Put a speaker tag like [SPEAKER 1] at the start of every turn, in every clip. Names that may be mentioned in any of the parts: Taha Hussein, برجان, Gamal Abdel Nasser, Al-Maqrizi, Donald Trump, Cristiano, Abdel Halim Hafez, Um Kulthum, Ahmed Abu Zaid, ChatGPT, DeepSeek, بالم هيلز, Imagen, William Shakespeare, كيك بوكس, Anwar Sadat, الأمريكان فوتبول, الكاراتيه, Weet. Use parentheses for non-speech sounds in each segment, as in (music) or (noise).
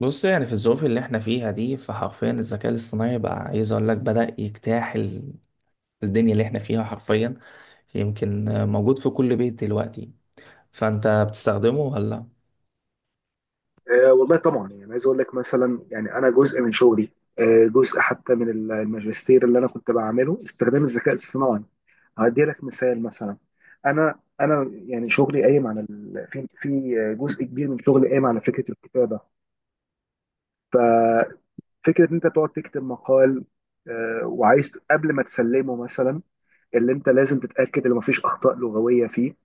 [SPEAKER 1] بص، يعني في الظروف اللي احنا فيها دي فحرفيا الذكاء الاصطناعي بقى، عايز اقول لك، بدأ يجتاح الدنيا اللي احنا فيها حرفيا. يمكن موجود في كل بيت دلوقتي. فانت بتستخدمه ولا
[SPEAKER 2] آه، والله طبعا، يعني عايز اقول لك مثلا، يعني انا جزء من شغلي. جزء حتى من الماجستير اللي انا كنت بعمله استخدام الذكاء الصناعي. هدي لك مثال مثلا. انا يعني شغلي قايم على في جزء كبير من شغلي قايم على فكره الكتابه. ففكره ان انت تقعد تكتب مقال، وعايز قبل ما تسلمه مثلا اللي انت لازم تتاكد ان مفيش اخطاء لغويه فيه.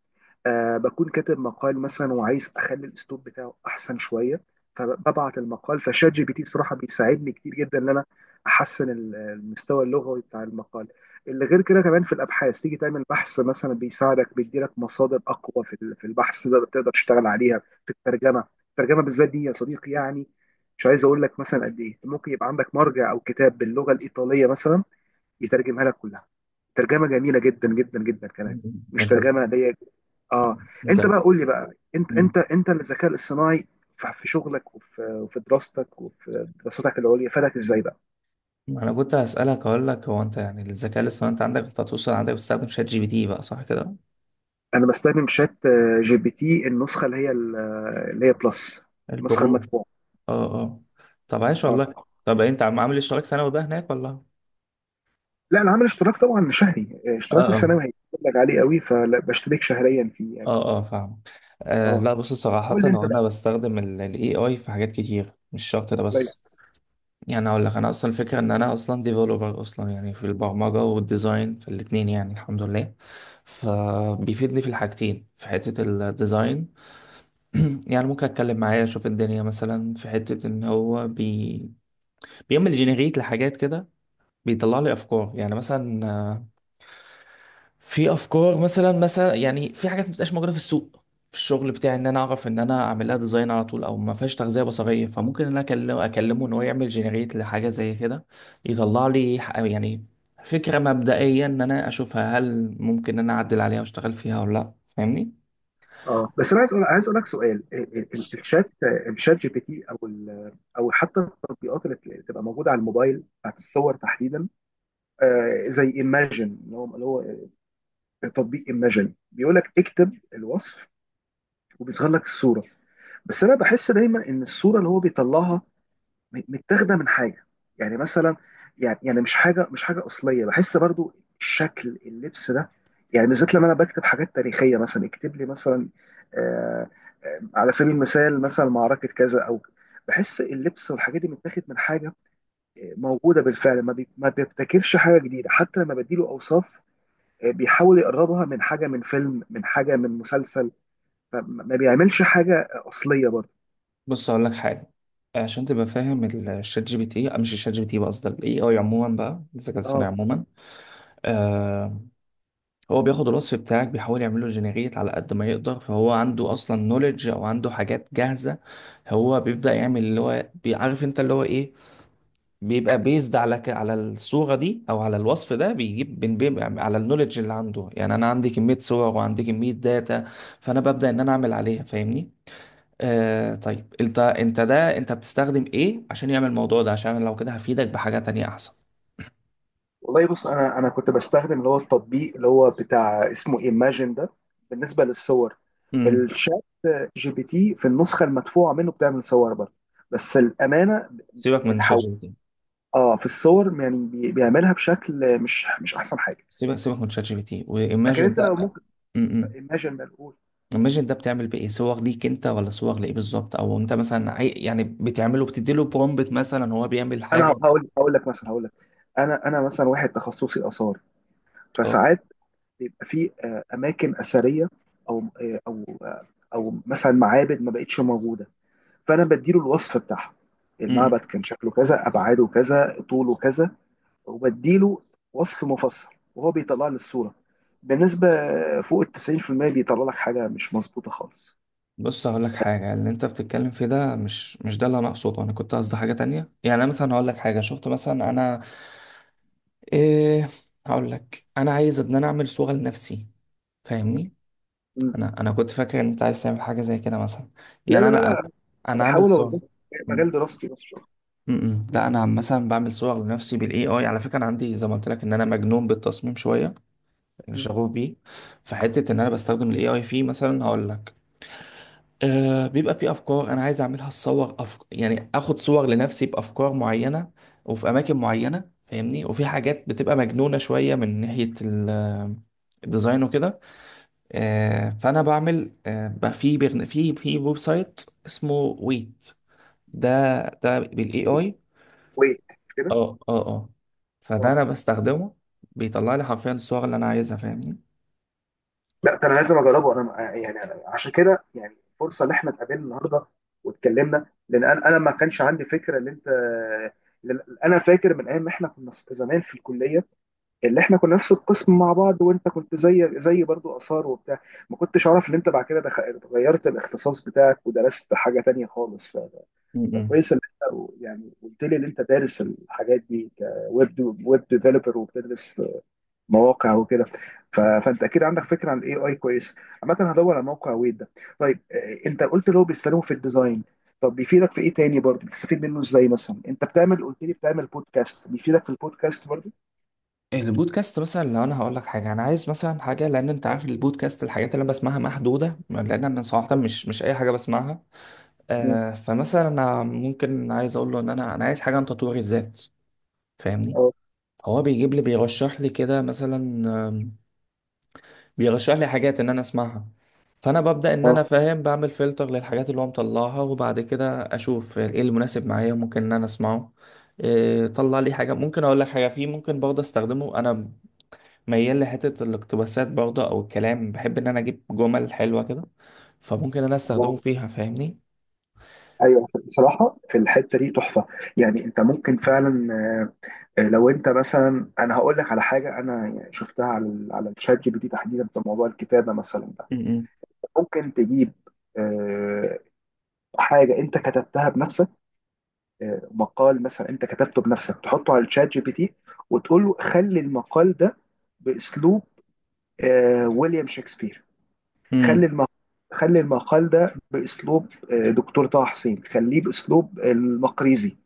[SPEAKER 2] بكون كاتب مقال مثلا وعايز اخلي الاسلوب بتاعه احسن شويه، فببعت المقال فشات جي بي تي. صراحه بيساعدني كتير جدا ان انا احسن المستوى اللغوي بتاع المقال. اللي غير كده كمان في الابحاث، تيجي تعمل بحث مثلا بيساعدك، بيديلك مصادر اقوى في في البحث ده تقدر تشتغل عليها. في الترجمه، الترجمه بالذات دي يا صديقي، يعني مش عايز اقول لك مثلا قد ايه، ممكن يبقى عندك مرجع او كتاب باللغه الايطاليه مثلا، يترجمها لك كلها ترجمه جميله جدا جدا جدا كمان، مش
[SPEAKER 1] انت
[SPEAKER 2] ترجمه ضيقه. اه،
[SPEAKER 1] انت
[SPEAKER 2] انت بقى قول لي بقى، انت الذكاء الصناعي في شغلك وفي دراستك، وفي دراستك العليا، فادك ازاي بقى؟
[SPEAKER 1] انا كنت هسألك؟ اقول لك، هو انت يعني الذكاء الاصطناعي انت عندك، انت هتوصل، عندك بتستخدم شات جي بي تي بقى، صح كده؟
[SPEAKER 2] انا بستخدم شات، جي بي تي النسخه اللي هي اللي هي بلس، النسخه
[SPEAKER 1] البرو.
[SPEAKER 2] المدفوعه.
[SPEAKER 1] اه اه. طب عايش
[SPEAKER 2] اه،
[SPEAKER 1] والله. طب انت عامل اشتراك سنوي بقى هناك ولا؟
[SPEAKER 2] لا انا عامل اشتراك طبعا شهري،
[SPEAKER 1] اه
[SPEAKER 2] اشتراك
[SPEAKER 1] اه.
[SPEAKER 2] السنوي هيقول لك عليه قوي، فبشترك شهريا فيه يعني.
[SPEAKER 1] اه اه، فاهم. آه
[SPEAKER 2] اه،
[SPEAKER 1] لا، بص صراحة،
[SPEAKER 2] قول لي انت
[SPEAKER 1] هو
[SPEAKER 2] بقى،
[SPEAKER 1] انا بستخدم الاي اي في حاجات كتير، مش شرط ده
[SPEAKER 2] زي.
[SPEAKER 1] بس. يعني اقول لك، انا اصلا الفكرة ان انا اصلا ديفلوبر اصلا، يعني في البرمجة والديزاين في الاتنين، يعني الحمد لله. فبيفيدني في الحاجتين. في حتة الديزاين (clears throat) يعني ممكن اتكلم معاه اشوف الدنيا، مثلا في حتة ان هو بيعمل جنريت لحاجات كده. بيطلع لي افكار يعني مثلا. في افكار مثلا يعني، في حاجات ما بتبقاش موجوده في السوق في الشغل بتاعي، ان انا اعرف ان انا اعمل لها ديزاين على طول، او ما فيهاش تغذيه بصريه، فممكن ان انا اكلمه ان هو يعمل جنريت لحاجه زي كده. يطلع لي يعني فكره مبدئيه ان انا اشوفها، هل ممكن ان انا اعدل عليها واشتغل فيها ولا لا، فاهمني؟
[SPEAKER 2] اه، بس انا عايز عايز اقول لك سؤال، الشات جي بي تي او او حتى التطبيقات اللي بتبقى موجوده على الموبايل، بتاعت الصور تحديدا. زي ايماجن، اللي هو تطبيق ايماجن، بيقول لك اكتب الوصف وبيظهر لك الصوره. بس انا بحس دايما ان الصوره اللي هو بيطلعها متاخده من حاجه، يعني مثلا، يعني مش حاجه اصليه بحس برضو. الشكل، اللبس ده، يعني بالذات لما انا بكتب حاجات تاريخيه مثلا، اكتب لي مثلا، آه على سبيل المثال مثلا معركه كذا او، بحس اللبس والحاجات دي متاخد من حاجه موجوده بالفعل. ما بيبتكرش حاجه جديده، حتى لما بديله اوصاف بيحاول يقربها من حاجه من فيلم، من حاجه من مسلسل. فما ما بيعملش حاجه اصليه برضو.
[SPEAKER 1] بص اقول لك حاجه عشان تبقى فاهم. الشات جي بي تي، مش الشات جي بي تي بقى، قصدي الاي اي عموما بقى، الذكاء
[SPEAKER 2] اه،
[SPEAKER 1] الصناعي عموما. آه، هو بياخد الوصف بتاعك بيحاول يعمله جنريت على قد ما يقدر، فهو عنده اصلا نوليدج او عنده حاجات جاهزه. هو بيبدا يعمل اللي هو بيعرف انت اللي هو ايه. بيبقى بيزد على الصوره دي او على الوصف ده، بيجيب بين بين على النوليدج اللي عنده. يعني انا عندي كميه صور وعندي كميه داتا، فانا ببدا ان انا اعمل عليها، فاهمني؟ طيب انت ده انت بتستخدم ايه عشان يعمل الموضوع ده؟ عشان لو كده هفيدك بحاجه تانية احسن.
[SPEAKER 2] والله بص، انا كنت بستخدم اللي هو التطبيق اللي هو بتاع اسمه ايماجن ده بالنسبه للصور.
[SPEAKER 1] امم
[SPEAKER 2] الشات جي بي تي في النسخه المدفوعه منه بتعمل صور برضه، بس الامانه
[SPEAKER 1] سيبك من شات
[SPEAKER 2] بتحول.
[SPEAKER 1] جي بي تي.
[SPEAKER 2] اه، في الصور يعني بيعملها بشكل مش احسن حاجه.
[SPEAKER 1] سيبك سيبك من شات جي بي تي
[SPEAKER 2] لكن
[SPEAKER 1] وايماجن
[SPEAKER 2] انت
[SPEAKER 1] ده.
[SPEAKER 2] لو ممكن،
[SPEAKER 1] امم
[SPEAKER 2] ايماجن ده الاول.
[SPEAKER 1] الماجن ده بتعمل بيه ايه، صور ليك انت ولا صور لايه بالظبط؟ او انت مثلا يعني بتعمله، بتديله برومبت مثلا هو بيعمل
[SPEAKER 2] انا
[SPEAKER 1] حاجه.
[SPEAKER 2] هقول هقول لك مثلا، هقول لك، انا مثلا واحد تخصصي اثار،
[SPEAKER 1] اه.
[SPEAKER 2] فساعات بيبقى في اماكن اثريه، او او مثلا معابد ما بقتش موجوده، فانا بديله الوصف بتاعها: المعبد
[SPEAKER 1] م-م.
[SPEAKER 2] كان شكله كذا، ابعاده كذا، طوله كذا، وبديله وصف مفصل، وهو بيطلع لي الصوره. بالنسبه فوق ال 90% بيطلع لك حاجه مش مظبوطه خالص.
[SPEAKER 1] بص هقول لك حاجه، اللي انت بتتكلم فيه ده مش ده اللي انا اقصده. انا كنت قصدي حاجه تانية. يعني انا مثلا هقول لك حاجه، شفت مثلا انا ايه. هقول لك انا عايز ان انا اعمل صوره لنفسي، فاهمني؟
[SPEAKER 2] م.
[SPEAKER 1] انا كنت فاكر ان انت عايز تعمل حاجه زي كده مثلا.
[SPEAKER 2] لا،
[SPEAKER 1] يعني
[SPEAKER 2] لا،
[SPEAKER 1] انا
[SPEAKER 2] لا،
[SPEAKER 1] انا
[SPEAKER 2] لا،
[SPEAKER 1] أنا عامل
[SPEAKER 2] بحاول
[SPEAKER 1] صوره.
[SPEAKER 2] اوظف مجال دراستي بس شغل.
[SPEAKER 1] م-م. لا انا مثلا بعمل صور لنفسي بالاي اي، على فكره انا عندي زي ما قلت لك ان انا مجنون بالتصميم شويه، انا
[SPEAKER 2] م.
[SPEAKER 1] شغوف بيه. فحته ان انا بستخدم الاي اي فيه، مثلا هقول لك، بيبقى في افكار انا عايز اعملها الصور، يعني اخد صور لنفسي بافكار معينه وفي اماكن معينه فاهمني، وفي حاجات بتبقى مجنونه شويه من ناحيه الديزاين وكده. فانا بعمل، بقى في في ويب سايت اسمه ويت ده، ده بالاي اي.
[SPEAKER 2] ويت كده.
[SPEAKER 1] اه اه اه. فده
[SPEAKER 2] اه،
[SPEAKER 1] انا بستخدمه، بيطلع لي حرفيا الصور اللي انا عايزها، فاهمني؟
[SPEAKER 2] لا ده انا لازم اجربه. انا يعني أنا عشان كده، يعني فرصه ان احنا اتقابلنا النهارده واتكلمنا، لان انا ما كانش عندي فكره ان انت، لأن انا فاكر من ايام ما احنا كنا زمان في الكليه، اللي احنا كنا نفس القسم مع بعض، وانت كنت زي برضو اثار وبتاع، ما كنتش اعرف ان انت بعد كده غيرت الاختصاص بتاعك ودرست حاجه تانية خالص.
[SPEAKER 1] م-م.
[SPEAKER 2] فكويس ان انت يعني قلت لي ان انت دارس الحاجات دي، كويب ويب ديفلوبر، وبتدرس مواقع وكده. فانت اكيد عندك فكره عن الاي اي كويس. عامه هدور على موقع ويب ده. طيب انت قلت له بيستخدمه في الديزاين، طب بيفيدك في ايه تاني؟ برضو بتستفيد منه ازاي؟ مثلا انت بتعمل، قلت لي بتعمل بودكاست، بيفيدك في البودكاست برضو؟
[SPEAKER 1] البودكاست مثلا، لو انا هقول لك حاجه، انا عايز مثلا حاجه، لان انت عارف البودكاست الحاجات اللي انا بسمعها محدوده، لان انا صراحه مش اي حاجه بسمعها.
[SPEAKER 2] اه،
[SPEAKER 1] فمثلا انا ممكن عايز اقول له ان انا عايز حاجه عن تطوير الذات، فاهمني؟ هو بيجيب لي، بيرشح لي كده مثلا، بيرشح لي حاجات ان انا اسمعها. فانا ببدا ان
[SPEAKER 2] اه،
[SPEAKER 1] انا فاهم، بعمل فلتر للحاجات اللي هو مطلعها، وبعد كده اشوف ايه المناسب معايا ممكن ان انا اسمعه. إيه، طلع لي حاجه. ممكن اقول لك حاجه فيه، ممكن برضه استخدمه، انا ميال لحته الاقتباسات برضه او الكلام، بحب ان انا اجيب جمل حلوه كده، فممكن إن انا استخدمه فيها، فاهمني؟
[SPEAKER 2] ايوه، بصراحه في الحته دي تحفه، يعني انت ممكن فعلا، لو انت مثلا، انا هقول لك على حاجه انا يعني شفتها على على الشات جي بي تي تحديدا، في موضوع الكتابه مثلا ده،
[SPEAKER 1] امم،
[SPEAKER 2] ممكن تجيب آه، حاجه انت كتبتها بنفسك، مقال مثلا انت كتبته بنفسك، تحطه على الشات جي بي تي وتقول له خلي المقال ده باسلوب ويليام شكسبير،
[SPEAKER 1] امم،
[SPEAKER 2] خلي المقال خلي المقال ده باسلوب دكتور طه حسين، خليه باسلوب المقريزي،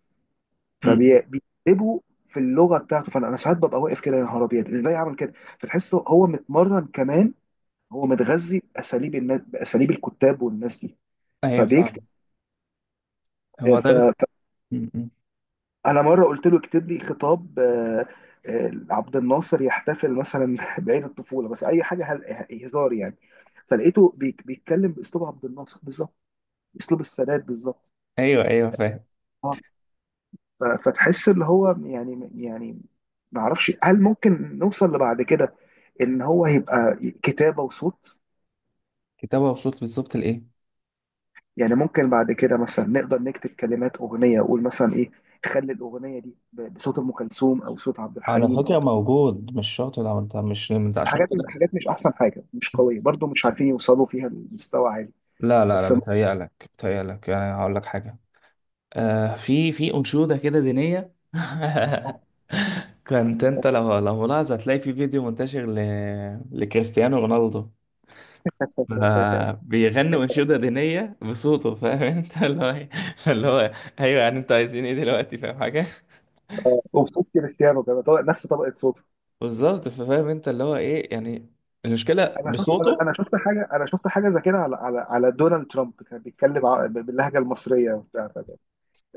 [SPEAKER 1] امم.
[SPEAKER 2] فبيكتبوا في اللغه بتاعته. فانا، أنا ساعات ببقى واقف كده يا نهار ابيض، ازاي عمل كده؟ فتحس هو متمرن كمان، هو متغذي باساليب الناس، باساليب الكتاب والناس دي
[SPEAKER 1] ايوه
[SPEAKER 2] فبيكتب.
[SPEAKER 1] فاهم. هو ده
[SPEAKER 2] ف-
[SPEAKER 1] م- م.
[SPEAKER 2] فانا مره قلت له اكتب لي خطاب عبد الناصر يحتفل مثلا (laughs) بعيد الطفوله، بس اي حاجه هزار يعني، فلقيته بيتكلم باسلوب عبد الناصر بالظبط، اسلوب السادات بالظبط.
[SPEAKER 1] ايوه ايوه فاهم.
[SPEAKER 2] اه، فتحس اللي هو، يعني ما اعرفش هل ممكن نوصل لبعد كده، ان هو هيبقى كتابه وصوت.
[SPEAKER 1] كتابه وصوت، بالظبط لايه.
[SPEAKER 2] يعني ممكن بعد كده مثلا نقدر نكتب كلمات اغنيه، اقول مثلا ايه، خلي الاغنيه دي بصوت ام كلثوم، او صوت عبد
[SPEAKER 1] على
[SPEAKER 2] الحليم،
[SPEAKER 1] فكره
[SPEAKER 2] او،
[SPEAKER 1] موجود، مش شرط. لو انت مش انت
[SPEAKER 2] بس
[SPEAKER 1] عشان
[SPEAKER 2] حاجات
[SPEAKER 1] كده.
[SPEAKER 2] حاجات مش احسن حاجه، مش قويه برضو، مش عارفين يوصلوا فيها لمستوى عالي.
[SPEAKER 1] لا لا لا،
[SPEAKER 2] بس
[SPEAKER 1] بتهيألك بتهيألك، يعني هقول لك حاجة. في أنشودة كده دينية (laughs) كنت أنت لو ملاحظ، هتلاقي في فيديو منتشر لكريستيانو رونالدو. بيغني أنشودة دينية بصوته، فاهم أنت (laughs) اللي هو إيه؟ اللي هو أيوه، يعني أنتوا عايزين إيه دلوقتي، فاهم حاجة.
[SPEAKER 2] وبصوت كريستيانو كمان، طبق نفس طبقه صوته.
[SPEAKER 1] بالظبط، فاهم أنت اللي هو إيه يعني. المشكلة بصوته.
[SPEAKER 2] انا شفت حاجه زي كده على على دونالد ترامب، كان بيتكلم باللهجه المصريه وبتاع، فده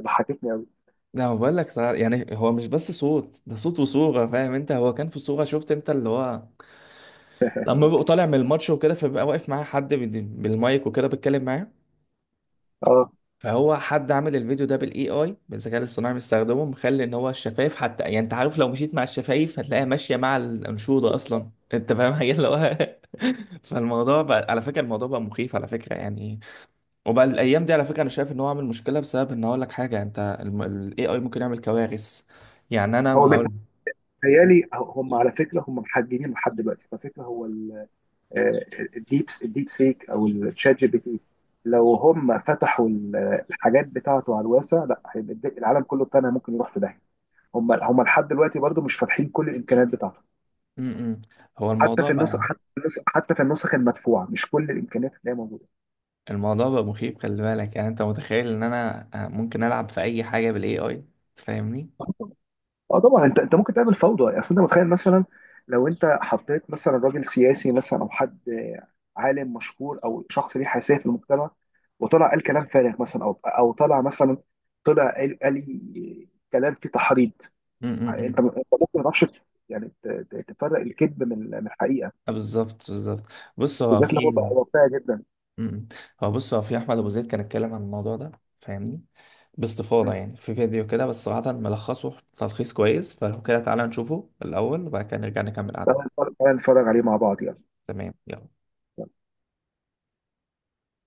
[SPEAKER 2] ضحكتني قوي.
[SPEAKER 1] لا هو بقول لك صراحة، يعني هو مش بس صوت، ده صوت وصورة، فاهم أنت. هو كان في صورة شفت أنت اللي هو، لما ببقى طالع من الماتش وكده، فبيبقى واقف معاه حد بالمايك وكده بتكلم معاه.
[SPEAKER 2] اه،
[SPEAKER 1] فهو حد عامل الفيديو ده بالاي اي، بالذكاء الاصطناعي مستخدمه، مخلي ان هو الشفايف حتى، يعني انت عارف لو مشيت مع الشفايف هتلاقيها ماشيه مع الانشوده اصلا (laughs) انت فاهم حاجه اللي هو (laughs) فالموضوع بقى على فكره، الموضوع بقى مخيف على فكره يعني. وبقى الايام دي على فكره انا شايف ان هو عامل مشكله، بسبب ان اقول لك حاجه انت، الاي اي ممكن يعمل كوارث. يعني انا
[SPEAKER 2] هو بيت-
[SPEAKER 1] هقول.
[SPEAKER 2] تخيلي، هم على فكره، هم محججين لحد دلوقتي، على فكره هو آه، الديب سيك او الشات جي بي تي، لو هم فتحوا الحاجات بتاعته على الواسع، لا هيبقى العالم كله بتاعنا ممكن يروح في داهيه. هم لحد دلوقتي برضو مش فاتحين كل الامكانيات بتاعته،
[SPEAKER 1] م- م. هو الموضوع بقى
[SPEAKER 2] حتى في النسخ المدفوعه، مش كل الامكانيات اللي هي موجوده.
[SPEAKER 1] الموضوع بقى مخيف، خلي بالك، يعني انت متخيل ان انا ممكن العب في اي حاجه بالاي اي، تفهمني؟
[SPEAKER 2] اه، طبعا، انت ممكن تعمل فوضى، يعني اصل انت متخيل مثلا، لو انت حطيت مثلا راجل سياسي مثلا، او حد عالم مشهور، او شخص ليه حساسيه في المجتمع، وطلع قال كلام فارغ مثلا، او طلع مثلا، طلع قال كلام فيه تحريض، انت
[SPEAKER 1] امم.
[SPEAKER 2] انت ممكن ما تعرفش يعني تفرق الكذب من الحقيقه،
[SPEAKER 1] بالظبط بالظبط. بص هو
[SPEAKER 2] بالذات لو هو
[SPEAKER 1] في.
[SPEAKER 2] بقى واقعي جدا.
[SPEAKER 1] م-م. بص، هو في احمد ابو زيد كان اتكلم عن الموضوع ده، فاهمني؟ باستفاضه
[SPEAKER 2] مم.
[SPEAKER 1] يعني، في فيديو كده، بس صراحه ملخصه تلخيص كويس، فلو كده تعالى نشوفه الاول وبعد كده نرجع نكمل
[SPEAKER 2] تعالى
[SPEAKER 1] قعدتنا.
[SPEAKER 2] نتفرج، تعالى نتفرج عليه مع بعض، يلا.
[SPEAKER 1] تمام يلا.